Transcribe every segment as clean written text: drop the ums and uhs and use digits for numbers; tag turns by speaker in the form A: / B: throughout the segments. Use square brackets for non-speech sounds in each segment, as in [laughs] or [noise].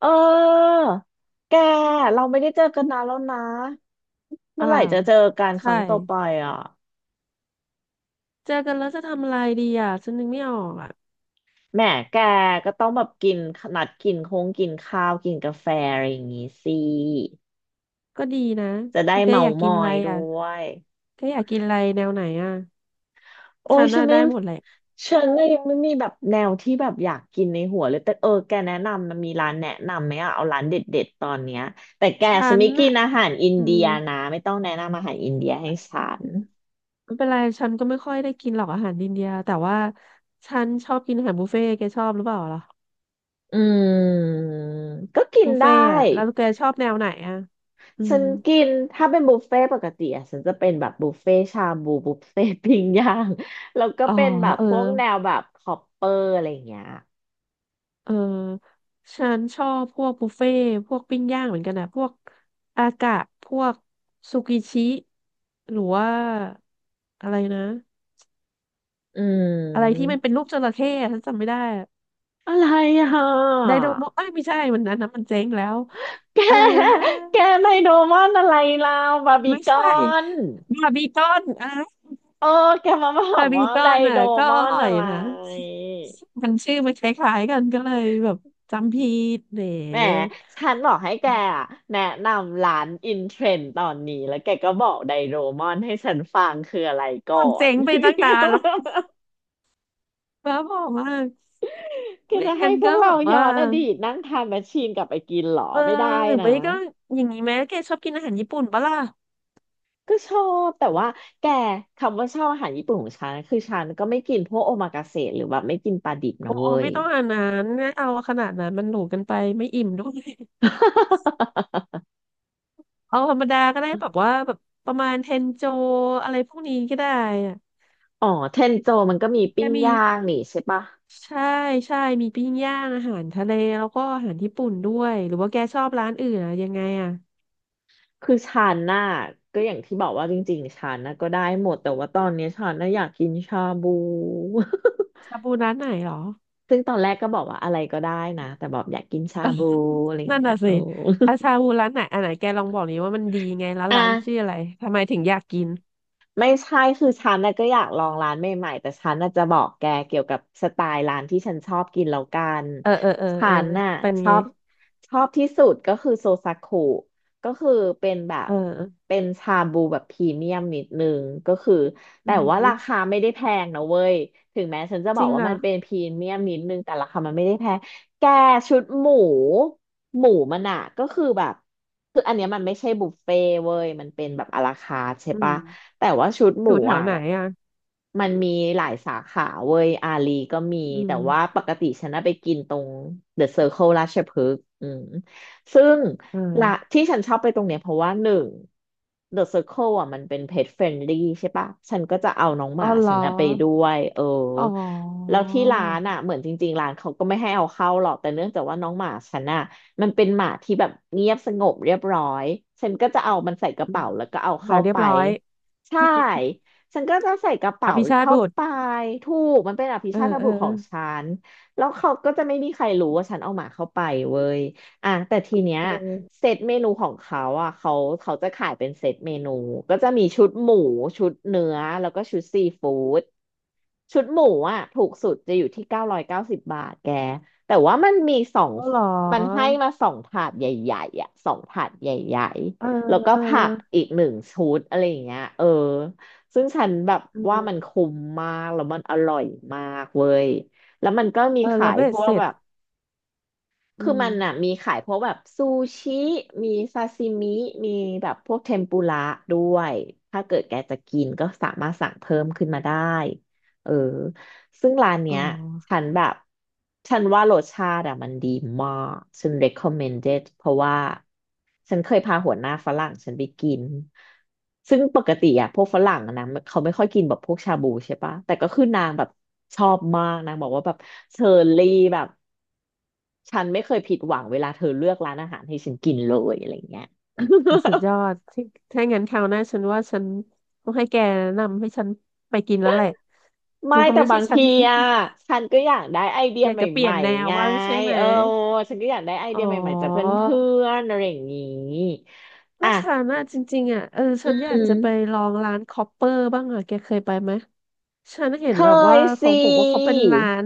A: เออแกเราไม่ได้เจอกันนานแล้วนะเมื่
B: อ่า
A: อไหร่จะเจอกันค
B: ใช่
A: รั้งต่อไปอ่ะ
B: เจอกันแล้วจะทำอะไรดีอ่ะฉันนึกไม่ออกอ่ะ
A: แหมแกก็ต้องแบบกินนัดกินคงกินข้าวกินกาแฟอะไรอย่างงี้สิ
B: ก็ดีนะ
A: จะได้
B: แก
A: เมา
B: อยาก
A: ม
B: กิน
A: อ
B: อะไร
A: ยด้
B: อ่ะ
A: วย
B: แกอยากกินอะไรแนวไหนอ่ะ
A: โอ้
B: ฉั
A: ย
B: น
A: ฉั
B: น่ะ
A: นไม่
B: ได้หมดแหละ
A: ฉันน่ะยังไม่มีแบบแนวที่แบบอยากกินในหัวเลยแต่เออแกแนะนำมันมีร้านแนะนำไหมอ่ะเอาร้านเด็ดๆตอนเนี้ยแต่แก
B: ฉั
A: ฉัน
B: น
A: ไม่กิ
B: น่ะ
A: นอาหารอิน
B: อื
A: เดี
B: ม
A: ยนะไม่ต้องแนะนำอาหารอินเดียให้ฉัน
B: ไม่เป็นไรฉันก็ไม่ค่อยได้กินหรอกอาหารอินเดียแต่ว่าฉันชอบกินอาหารบุฟเฟ่ต์แกชอบหรือเปล่าล่ะ
A: อืมก็กิน
B: บุฟ
A: ได้
B: เฟ่ต์อ่ะแล้วแกชอบแนวไหนอ่ะอื
A: ฉั
B: ม
A: นกินถ้าเป็นบุฟเฟ่ต์ปกติอะฉันจะเป็นแบบบุฟเฟ่ต์ชาบูบุฟเฟ่ต์ปิ้งย่างแล้วก็
B: อ๋อ
A: เป็นแบบ
B: เออ
A: พวกแนวแบบคอปเปอร์อะไรอย่างเงี้ย
B: เออฉันชอบพวกบุฟเฟ่ต์พวกปิ้งย่างเหมือนกันนะพวกอากะพวกซูกิชิหรือว่าอะไรนะ
A: อื
B: อะไรที่
A: ม
B: มันเป็นรูปจระเข้อะฉันจำไม่ได้อะ
A: อะไรอ่ะ
B: ได
A: [laughs]
B: โดโมเอ้ยไม่ใช่มันนั้นนะมันเจ๊งแล้ว
A: แก
B: อะไรนะ
A: แกไดโดมอนอะไรเราบาร์บี
B: ไม่
A: ค
B: ใช่
A: อน
B: บาร์บีคอนอ่ะ
A: เออแกมาบอ
B: บา
A: ก
B: ร์บี
A: ว่า
B: คอ
A: ได
B: นอ่ะ
A: โด
B: ก็
A: ม
B: อ
A: อน
B: ร่อ
A: อะ
B: ย
A: ไร
B: นะมันชื่อมันคล้ายๆกันก็เลยแบบจำผิดเนี่
A: แหม
B: ย
A: ฉันบอกให้แกอะแนะนำร้านอินเทรนด์ตอนนี้แล้วแกก็บอกไดโรมอนให้ฉันฟังคืออะไรก่อ
B: มันเจ๊
A: น
B: งไปตั้งนานแล้ว บ้าบอกว่า
A: [laughs]
B: ก
A: แก
B: ไม่
A: จะให้
B: งั้น
A: พว
B: ก็
A: ก
B: แบ
A: เรา
B: บ
A: ย้อ
B: ว่า
A: นอดีตนั่งทานแมชชีนกลับไปกินเหรอ
B: เออ
A: ไม่ได้
B: หรือ
A: นะ
B: ไม่ก็อย่างนี้ไหมแกชอบกินอาหารญี่ปุ่นปะล่ะ
A: ก็ชอบแต่ว่าแกคำว่าชอบอาหารญี่ปุ่นของฉันคือฉันก็ไม่กินพวกโอมากาเสะหรือแบบไม่กินปลาดิบนะ
B: อ๋อ
A: เว้ย
B: ไม่ต้องอันนั้นไมเอาขนาดนั้นมันหรูกันไปไม่อิ่มด้วยเอาธรรมดาก็ได้แบบว่าแบบประมาณเทนโจอะไรพวกนี้ก็ได้อะ
A: [laughs] อ๋อเทนโจมันก็มี
B: แก
A: ปิ้ง
B: มี
A: ย่างนี่ใช่ปะ
B: ใช่ใช่มีปิ้งย่างอาหารทะเลแล้วก็อาหารญี่ปุ่นด้วยหรือว่าแกชอบร้านอื่นอะยังไงอะ
A: คือชาน่าก็อย่างที่บอกว่าจริงๆชาน่าก็ได้หมดแต่ว่าตอนเนี้ยชาน่าอยากกินชาบู [laughs]
B: ชาบูร้านไหนหรอ
A: ซึ่งตอนแรกก็บอกว่าอะไรก็ได้นะแต่บอกอยากกินชาบูอะไรอย่าง
B: นั่น
A: เงี้ย
B: น่ะ
A: โอ้
B: สิอาชา
A: [laughs]
B: บูร้านไหนอันไหนแกลองบอกนี้ว่ามันดีไงแล้ว
A: อ่ะ
B: ร้านชื่ออะไรทำไมถึงอยากกิน
A: ไม่ใช่คือฉันน่ะก็อยากลองร้านใหม่ๆแต่ฉันน่ะจะบอกแกเกี่ยวกับสไตล์ร้านที่ฉันชอบกินแล้วกัน
B: เออเออเออ
A: ฉั
B: เออ
A: นน่ะ
B: เป็น
A: ช
B: ไง
A: อบที่สุดก็คือโซซากุก็คือเป็นแบบ
B: เออ
A: เป็นชาบูแบบพรีเมียมนิดนึงก็คือ
B: อื
A: แต่ว่ารา
B: ม
A: คาไม่ได้แพงนะเว้ยถึงแม้ฉันจะบ
B: จ
A: อ
B: ริ
A: ก
B: ง
A: ว่า
B: นะ
A: มันเป็นพรีเมียมนิดนึงแต่ราคามันไม่ได้แพงแกชุดหมูหมูมันอะก็คือแบบคืออันเนี้ยมันไม่ใช่บุฟเฟ่เว้ยมันเป็นแบบอะลาคาร์ทใช่
B: อืม
A: ปะ แต่ว่าชุดห
B: อ
A: มู
B: ยู่แถว
A: อ่ะ
B: ไหนอ่ะ
A: มันมีหลายสาขาเว้ยอาลีก็มี
B: อื
A: แต่
B: ม
A: ว่าปกติฉันน่ะไปกินตรงเดอะเซอร์เคิลราชพฤกษ์อืมซึ่ง
B: เอ
A: ละ
B: อ
A: ที่ฉันชอบไปตรงเนี้ยเพราะว่าหนึ่งเดอะเซอร์เคิลอ่ะมันเป็น PET friendly ใช่ปะฉันก็จะเอาน้องห
B: อ๋อ
A: มา
B: เหร
A: ฉั
B: อ
A: นน่ะไปด้วยเออ
B: อ๋อ
A: แล้วที่ร้านอ่ะเหมือนจริงๆร้านเขาก็ไม่ให้เอาเข้าหรอกแต่เนื่องจากว่าน้องหมาฉันอ่ะมันเป็นหมาที่แบบเงียบสงบเรียบร้อยฉันก็จะเอามันใส่กระ
B: อืม
A: เป๋าแล้วก็เอา
B: มา
A: เข้า
B: เรีย
A: ไป
B: บร้อย
A: ใช่ฉันก็จะใส่กระ
B: อ
A: เป๋า
B: ภิชาติ
A: เข้า
B: บุตร
A: ไปถูกมันเป็นอภิ
B: เออ
A: ชาต
B: เอ
A: บุ
B: อ
A: ตรของฉันแล้วเขาก็จะไม่มีใครรู้ว่าฉันเอาหมาเข้าไปเว้ยอ่ะแต่ทีเนี้ย
B: เออ
A: เซตเมนูของเขาอ่ะเขาจะขายเป็นเซตเมนูก็จะมีชุดหมูชุดเนื้อแล้วก็ชุดซีฟู้ดชุดหมูอ่ะถูกสุดจะอยู่ที่990 บาทแกแต่ว่า
B: อ๋อเหร
A: มันให้
B: อ
A: มาสองถาดใหญ่ๆอ่ะสองถาดใหญ่
B: เออ
A: แล้วก็
B: เออ
A: ผักอีกหนึ่งชุดอะไรอย่างเงี้ยเออซึ่งฉันแบบ
B: เอ
A: ว่ามัน
B: อ
A: คุ้มมากแล้วมันอร่อยมากเว้ยแล้วมันก็มี
B: เออ
A: ขา
B: เรา
A: ย
B: เบ
A: พ
B: ส
A: ว
B: เส
A: ก
B: ร็
A: แบ
B: จ
A: บ
B: อื
A: คือมันอ่ะ
B: ม
A: มีขายพวกแบบซูชิมีซาซิมิมีแบบพวกเทมปุระด้วยถ้าเกิดแกจะกินก็สามารถสั่งเพิ่มขึ้นมาได้เออซึ่งร้าน
B: อ๋
A: เนี้
B: อ
A: ยฉันแบบฉันว่ารสชาติอ่ะมันดีมากฉัน recommended เพราะว่าฉันเคยพาหัวหน้าฝรั่งฉันไปกินซึ่งปกติอ่ะพวกฝรั่งอะนะเขาไม่ค่อยกินแบบพวกชาบูใช่ปะแต่ก็คือนางแบบชอบมากนางบอกว่าแบบเชอร์รี่แบบ ฉันไม่เคยผิดหวังเวลาเธอเลือกร้านอาหารให้ฉันกินเลยอะไรเงี้ย
B: โหสุดยอ
A: [laughs]
B: ดที่ถ้างั้นคราวหน้าฉันว่าฉันต้องให้แกแนะนำให้ฉันไปกินแล้วแหละ
A: ไม่
B: ฉันก็
A: แต่
B: ไม่ใช่
A: บาง
B: [laughs] ฉัน
A: ทีอ่ะฉันก็อยากได้ไอเดี
B: [laughs]
A: ย
B: อยา
A: ใ
B: กจะเป
A: ห
B: ลี่ย
A: ม่
B: นแน
A: ๆ
B: ว
A: ไง
B: บ้างใช่ไหม
A: เออฉันก็อยากได้ไอ
B: อ๋
A: เดีย
B: อ
A: ใหม่ๆจากเพื่อนๆอะไรอย่างนี้อ่ะ
B: ถ้าฉันอะจริงๆอะเออ
A: อื
B: ฉันอยากจะไป
A: ม
B: ลองร้านคอปเปอร์บ้างอะแกเคยไปไหมฉันเห็น
A: เค
B: แบบว่า
A: ย
B: เขา
A: สิ
B: บอกว่าเขาเป็นร้าน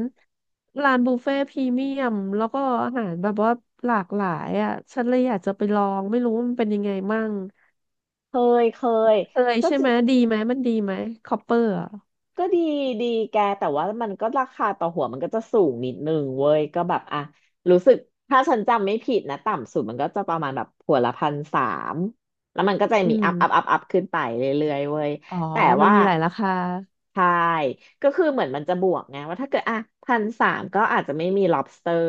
B: ร้านบุฟเฟ่ต์พรีเมียมแล้วก็อาหารแบบว่าหลากหลายอะฉันเลยอยากจะไปลองไม่รู้ว่ามันเป็นยังไงมั่ง
A: เคเคย
B: เคย
A: ก็
B: ใช่
A: จ
B: ไหมดีไหมมันดีไหมคอปเปอร์อะ
A: ก็ดีแกแต่ว่ามันก็ราคาต่อหัวมันก็จะสูงนิดนึงเว้ยก็แบบอ่ะรู้สึกถ้าฉันจำไม่ผิดนะต่ำสุดมันก็จะประมาณแบบหัวละพันสามแล้วมันก็จะ
B: อื
A: มีอัพอัพอัพ
B: ม
A: อัพขึ้นไปเรื่อยๆเว้ย
B: อ๋อ
A: แต่
B: มัน
A: ว่า
B: มีหลายราคา
A: ใช่ก็คือเหมือนมันจะบวกไงว่าถ้าเกิดอ่ะพันสามก็อาจจะไม่มี lobster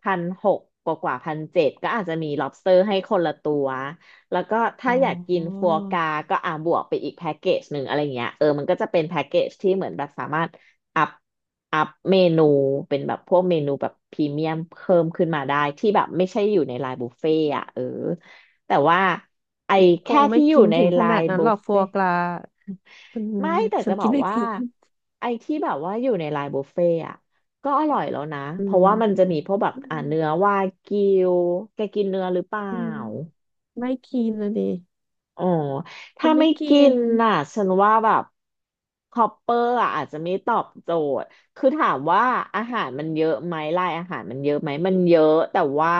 A: 1,600กว่า1,700ก็อาจจะมี lobster ให้คนละตัว แล้วก็ถ้า
B: อ๋อ
A: อยากกินฟัวกราก็บวกไปอีกแพ็กเกจหนึ่งอะไรเงี้ยเออมันก็จะเป็นแพ็กเกจที่เหมือนแบบสามารถอัพอัพเมนูเป็นแบบพวกเมนูแบบพรีเมียมเพิ่มขึ้นมาได้ที่แบบไม่ใช่อยู่ในไลน์บุฟเฟ่ต์อ่ะเออแต่ว่าไอ้
B: ค
A: แค่
B: งไม่
A: ที่อยู่
B: กิน
A: ใน
B: ถึง
A: ไล
B: ขนาด
A: น์
B: นั้น
A: บุ
B: หรอ
A: ฟ
B: กฟั
A: เฟ่
B: ว
A: ต์
B: กรามัน
A: ไม่แต่
B: ฉั
A: จะ
B: น
A: บ
B: กิ
A: อ
B: น
A: ก
B: ไม่ [laughs]
A: ว่า
B: เป็น
A: ไอ้ที่แบบว่าอยู่ในไลน์บุฟเฟ่ต์อ่ะก็อร่อยแล้วนะ
B: อื
A: เพราะ
B: ม
A: ว่ามันจะมีพวกแบบเนื้อวากิวแกกินเนื้อหรือเปล่า
B: อืมไม่กินนะดิ
A: อ๋อ
B: จะ
A: ถ้า
B: ไม่
A: ไม่
B: กิ
A: กิน
B: น
A: น่ะฉันว่าแบบคอปเปอร์อะอาจจะไม่ตอบโจทย์ คือถามว่าอาหารมันเยอะไหมรายอาหารมันเยอะไหม มันเยอะแต่ว่า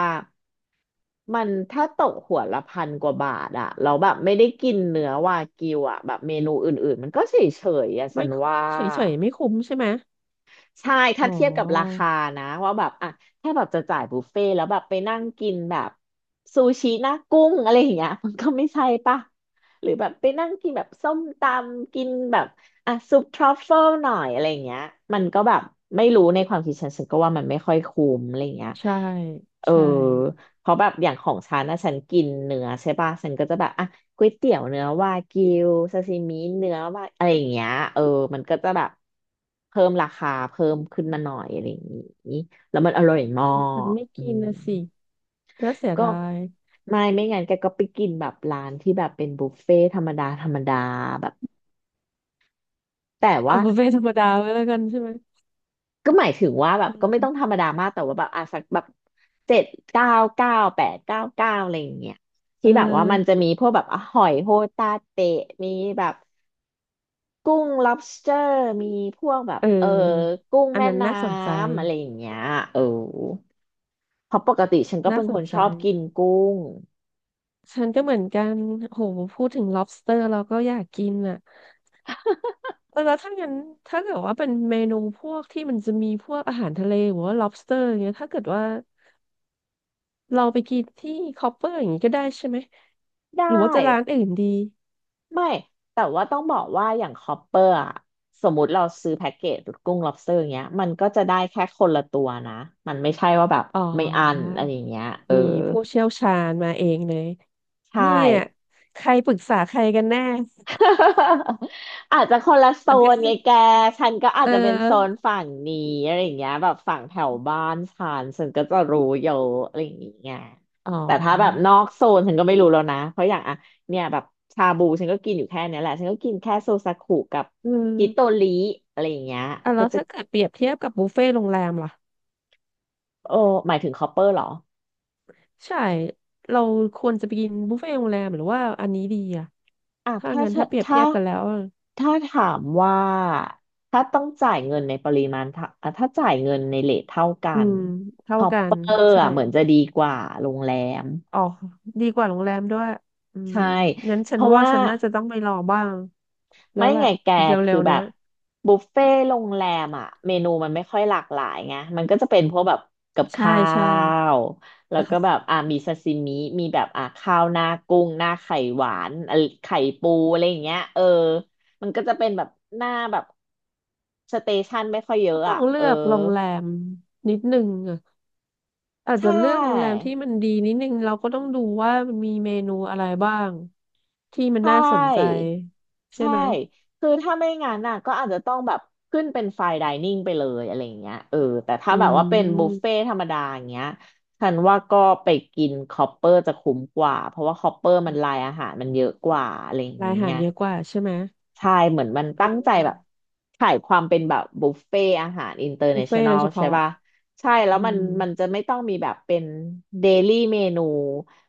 A: มันถ้าตกหัวละพันกว่าบาทอะเราแล้วแบบไม่ได้กินเนื้อวากิวอะแบบเมนูอื่นๆมันก็เฉยๆอะฉั
B: ไม่
A: น
B: คุ
A: ว่า
B: เฉยเฉยๆไม่คุ้มใช่ไหม
A: ใช่ถ้า
B: อ๋
A: เทียบกับรา
B: อ
A: คานะว่าแบบอ่ะถ้าแบบจะจ่ายบุฟเฟ่ต์แล้วแบบไปนั่งกินแบบซูชิหน้ากุ้งอะไรอย่างเงี้ยมันก็ไม่ใช่ปะหรือแบบไปนั่งกินแบบส้มตำกินแบบอ่ะซุปทรัฟเฟิลหน่อยอะไรอย่างเงี้ยมันก็แบบไม่รู้ในความคิดฉันก็ว่ามันไม่ค่อยคุ้มอะไรอย่างเงี้ย
B: ใช่
A: เออ
B: ใช่
A: เพราะแบบอย่างของฉันนะฉันกินเนื้อใช่ปะฉันก็จะแบบอ่ะ ก๋วยเตี๋ยวเนื้อวากิวซาซิมิเนื้อวาอะไรอย่างเงี้ยเออมันก็จะแบบเพิ่มราคาเพิ่มขึ้นมาหน่อยอะไรอย่างงี้แล้วมันอร่อยมา
B: แต่
A: ก
B: ไม่
A: อื
B: กิน
A: ม
B: นะสิน่าเสีย
A: ก็
B: ดาย
A: ไม่งั้นแกก็ไปกินแบบร้านที่แบบเป็นบุฟเฟ่ธรรมดาธรรมดาแบบแต่
B: เอา
A: ว่า
B: บุฟเฟ่ต์ธรรมดาไว้แล้วกันใช่ไหม
A: ก็หมายถึงว่าแบบ
B: อื
A: ก็ไม่ต้องธ
B: ม
A: รรมดามากแต่ว่าแบบอ่ะสักแบบเจ็ดเก้าเก้าแปดเก้าเก้าอะไรอย่างเงี้ย
B: เ
A: ที่แบบว่ามันจะ
B: ออ
A: มีพวกแบบอ่ะหอยโฮตาเตะมีแบบ กุ้ง lobster มีพวกแบบ
B: เ
A: เออ
B: ออ
A: กุ้ง
B: อัน
A: แม่
B: นั้น
A: น้
B: น่าสนใจ
A: ำอะไรอย่างเงี้ย เออเพราะปกติฉันก็
B: น่า
A: เป็น
B: ส
A: ค
B: น
A: นช
B: ใจ
A: อบกินกุ้ง
B: ฉันก็เหมือนกันโหพูดถึง lobster เราก็อยากกินอ่ะเออแล้วถ้างั้นถ้าเกิดว่าเป็นเมนูพวกที่มันจะมีพวกอาหารทะเลหรือว่า lobster อย่างเงี้ยถ้าเกิดว่า เราไปกินที่คอปเปอร์อย่างนี้ก็ได้ใช่ไหม
A: ได้
B: หรือว่าจะร้านอื่นดี
A: ไม่แต่ว่าต้องบอกว่าอย่างคอปเปอร์อะสมมติเราซื้อแพ็กเกจกุ้ง lobster อย่างเงี้ยมันก็จะได้แค่คนละตัวนะมันไม่ใช่ว่าแบบ
B: อ๋อ
A: ไม่อันอะไรอย่างเงี้ยเออ
B: นี่ผู้เชี่ยวชาญมาเองเลย
A: ใช่
B: เนี่ยใครปรึกษาใครกันแน่
A: [laughs] อาจจะคนละโซ
B: มันก็
A: น
B: คือ
A: ไง
B: [laughs]
A: แก ฉันก็อา
B: เอ
A: จ
B: อ
A: จะเป็นโซนฝั่งนี้อะไรอย่างเงี้ยแบบฝั่งแถวบ้านฉันฉันก็จะรู้เยอะอะไรอย่างเงี้ย
B: อ๋
A: แต่ถ้าแบบ
B: อ
A: นอกโซนฉันก็ไม่รู้แล้วนะ เพราะอย่างอะเนี่ยแบบชาบูฉันก็กินอยู่แค่เนี้ยแหละ ฉันก็กินแค่โซซากุกับ
B: อื
A: ฮิโต
B: ม
A: ริอะไรอย่างเงี้ย
B: อ่ะแล้
A: ก็
B: ว
A: จะ
B: ถ้าเกิดเปรียบเทียบกับบุฟเฟ่ต์โรงแรมล่ะ
A: โอ้หมายถึงคอปเปอร์เหรอ
B: ใช่เราควรจะไปกินบุฟเฟ่ต์โรงแรมหรือว่าอันนี้ดีอ่ะ
A: อ่ะ
B: ถ้า
A: ถ้า
B: งั้นถ้าเปรียบ
A: ถ้า
B: เทียบกันแล้วอะ
A: ถ้าถามว่าถ้าต้องจ่ายเงินในปริมาณเท่าอ่ะถ้าจ่ายเงินในเรทเท่ากั
B: อื
A: น
B: ม
A: ค
B: เท่า
A: อป
B: กั
A: เป
B: น
A: อร์
B: ใช่
A: อ่ะเหมือนจะดีกว่าโรงแรม
B: อ๋อดีกว่าโรงแรมด้วยอืม
A: ใช่
B: งั้น
A: เพ
B: ฉัน
A: ราะ
B: ว่า
A: ว่า
B: ฉันน่าจะต้องไปรอบ้างแล้
A: ไม่
B: วแหละ
A: ไงแก
B: เร็
A: คือ
B: วๆ
A: แบ
B: เนี้ย
A: บบุฟเฟ่ต์โรงแรมอ่ะเมนูมันไม่ค่อยหลากหลายไงมันก็จะเป็นพวกแบบกับ
B: ใช่
A: ข้า
B: ใช่
A: วแล้วก็แบบ
B: [laughs]
A: มีซาซิมิมีแบบข้าวหน้ากุ้งหน้าไข่หวานอะไรไข่ปูอะไรอย่างเงี้ยเออมันก็จะเป็นแบบหน้าแบบสเตชันไม่ค่อยเย
B: ก็
A: อะ
B: ต้อ
A: อ่ะ
B: งเลื
A: เออ
B: อกโรงแรมนิดนึงอ่ะอาจจะ
A: ใช่
B: เลือกโรงแรมที่มันดีนิดนึงเราก็ต้องดูว่ามันมีเมนูอะไรบ้างที่มัน
A: ใช
B: น่าสนใจ
A: ่
B: ใช่
A: ใช่
B: ไหม
A: คือถ้าไม่งั้นน่ะก็อาจจะต้องแบบขึ้นเป็นไฟน์ไดนิ่งไปเลยอะไรอย่างเงี้ยเออแต่ถ้า
B: อื
A: แบบว่าเป็นบุฟเฟ่
B: ม
A: ธรรมดาอย่างเงี้ยฉันว่าก็ไปกินคอปเปอร์จะคุ้มกว่าเพราะว่าคอปเปอร์มันรายอาหารมันเยอะกว่าอะไรอย่าง
B: รายอาหา
A: เงี้
B: ร
A: ย
B: เยอะกว่าใช่ไหม
A: ใช่เหมือนมันตั้งใจ
B: อื
A: แบบ
B: ม
A: ขายความเป็นแบบบุฟเฟ่อาหารอินเตอร์เน
B: บุฟเฟ่
A: ชั่นแน
B: ต์โด
A: ล
B: ยเฉ
A: ใช่
B: พาะ
A: ป่ะใช่แล้ว
B: อื
A: มัน
B: ม
A: จะไม่ต้องมีแบบเป็นเดลี่เมนู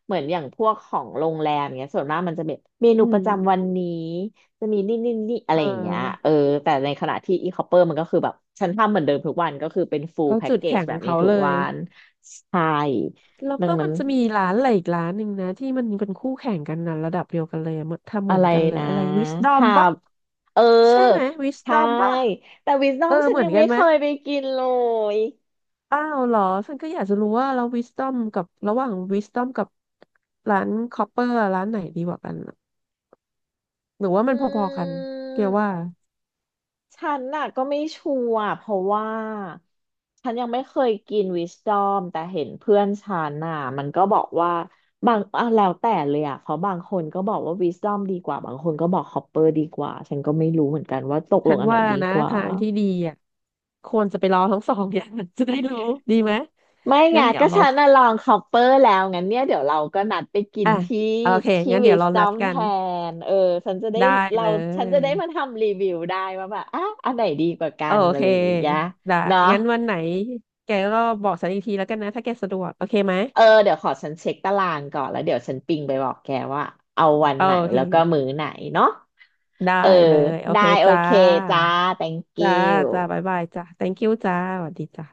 A: เหมือนอย่างพวกของโรงแรมเนี้ยส่วนมากมันจะเป็นเมนู
B: อื
A: ป
B: ม
A: ระจำวันนี้จะมีนี่นี่นี่อะ
B: เ
A: ไรอย่างเงี้ย
B: ออ
A: เออแต่ในขณะที่อีคอปเปอร์มันก็คือแบบฉันทำเหมือนเดิมทุกวันก็คือเป็นฟูล
B: ก็
A: แพ็ก
B: จุด
A: เกจ
B: แข็ง
A: แบ
B: ขอ
A: บ
B: ง
A: นี้
B: เขา
A: ทุ
B: เล
A: กวั
B: ย
A: นใช่
B: แล้ว
A: ดั
B: ก็
A: งนั้
B: มั
A: น
B: นจะมีร้านอะไรอีกร้านหนึ่งนะที่มันเป็นคู่แข่งกันนะระดับเดียวกันเลยอะเหมือนทำเห
A: อะ
B: มือ
A: ไร
B: นกันเลย
A: นะ
B: อะไรวิสดอม
A: หา
B: ปะ
A: บ เออ
B: ใช่ไหมวิสด
A: ใช่
B: อมปะ
A: แต่วิส d อ
B: เออ
A: มฉั
B: เห
A: น
B: มือ
A: ยั
B: น
A: ง
B: กั
A: ไม่
B: นไห
A: เค
B: ม
A: ยไปกินเลย
B: อ้าวเหรอฉันก็อยากจะรู้ว่าแล้ววิสดอมกับระหว่างวิสดอมกับร้านคอปเปอร์ร้านไหนดีกว่ากันอะหรือว่า
A: อื
B: มันพอๆกันเกี่ยวว่า
A: มฉันน่ะก็ไม่ชัวร์เพราะว่าฉันยังไม่เคยกินวิส d อมแต่เห็นเพื่อนฉันน่ะมันก็บอกว่าบางอ่ะแล้วแต่เลยอ่ะเพราะบางคนก็บอกว่าวิส d อมดีกว่าบางคนก็บอกฮอปเปอร์ดีกว่าฉันก็ไม่รู้เหมือนกันว่าตกล
B: ฉั
A: ง
B: น
A: อันไหน
B: ว่า
A: ดี
B: นะ
A: กว่า
B: ทางที่ดีอ่ะควรจะไปลอทั้งสองอย่าง [laughs] จะได้รู้ดีไหม
A: ไม่ไง
B: งั้นเดี๋ย
A: ก็
B: วเรา
A: ฉันน่ะลองคอปเปอร์แล้วงั้นเนี่ยเดี๋ยวเราก็นัดไปกิน
B: อ่ะ
A: ที่
B: โอเค
A: ที่
B: งั้น
A: วิ
B: เดี๋ยว
A: ส
B: เรา
A: ตอ
B: นัด
A: ม
B: กั
A: แท
B: น
A: นเออฉันจะได้
B: ได้
A: เรา
B: เล
A: ฉันจะ
B: ย
A: ได้มาทำรีวิวได้ว่าแบบอ่ะอันไหนดีกว่ากั
B: โอ
A: นอะ
B: เค
A: ไรอย่างเงี้ย
B: ได้
A: เนาะ
B: งั้นวันไหนแกก็บอกฉันอีกทีแล้วกันนะ ถ้าแกสะดวก โอเคไหม
A: เออเดี๋ยวขอฉันเช็คตารางก่อนแล้วเดี๋ยวฉันปิงไปบอกแกว่าเอาวัน
B: โอ
A: ไหน
B: เค
A: แล้วก็มื้อไหนเนาะ
B: ได้
A: เออ
B: เลย โอ
A: ได้
B: เค
A: โอ
B: จ้า
A: เคจ้า thank
B: จ้า จ้าบ๊าย
A: you
B: บายจ้า thank you จ้า สวัสดีจ้า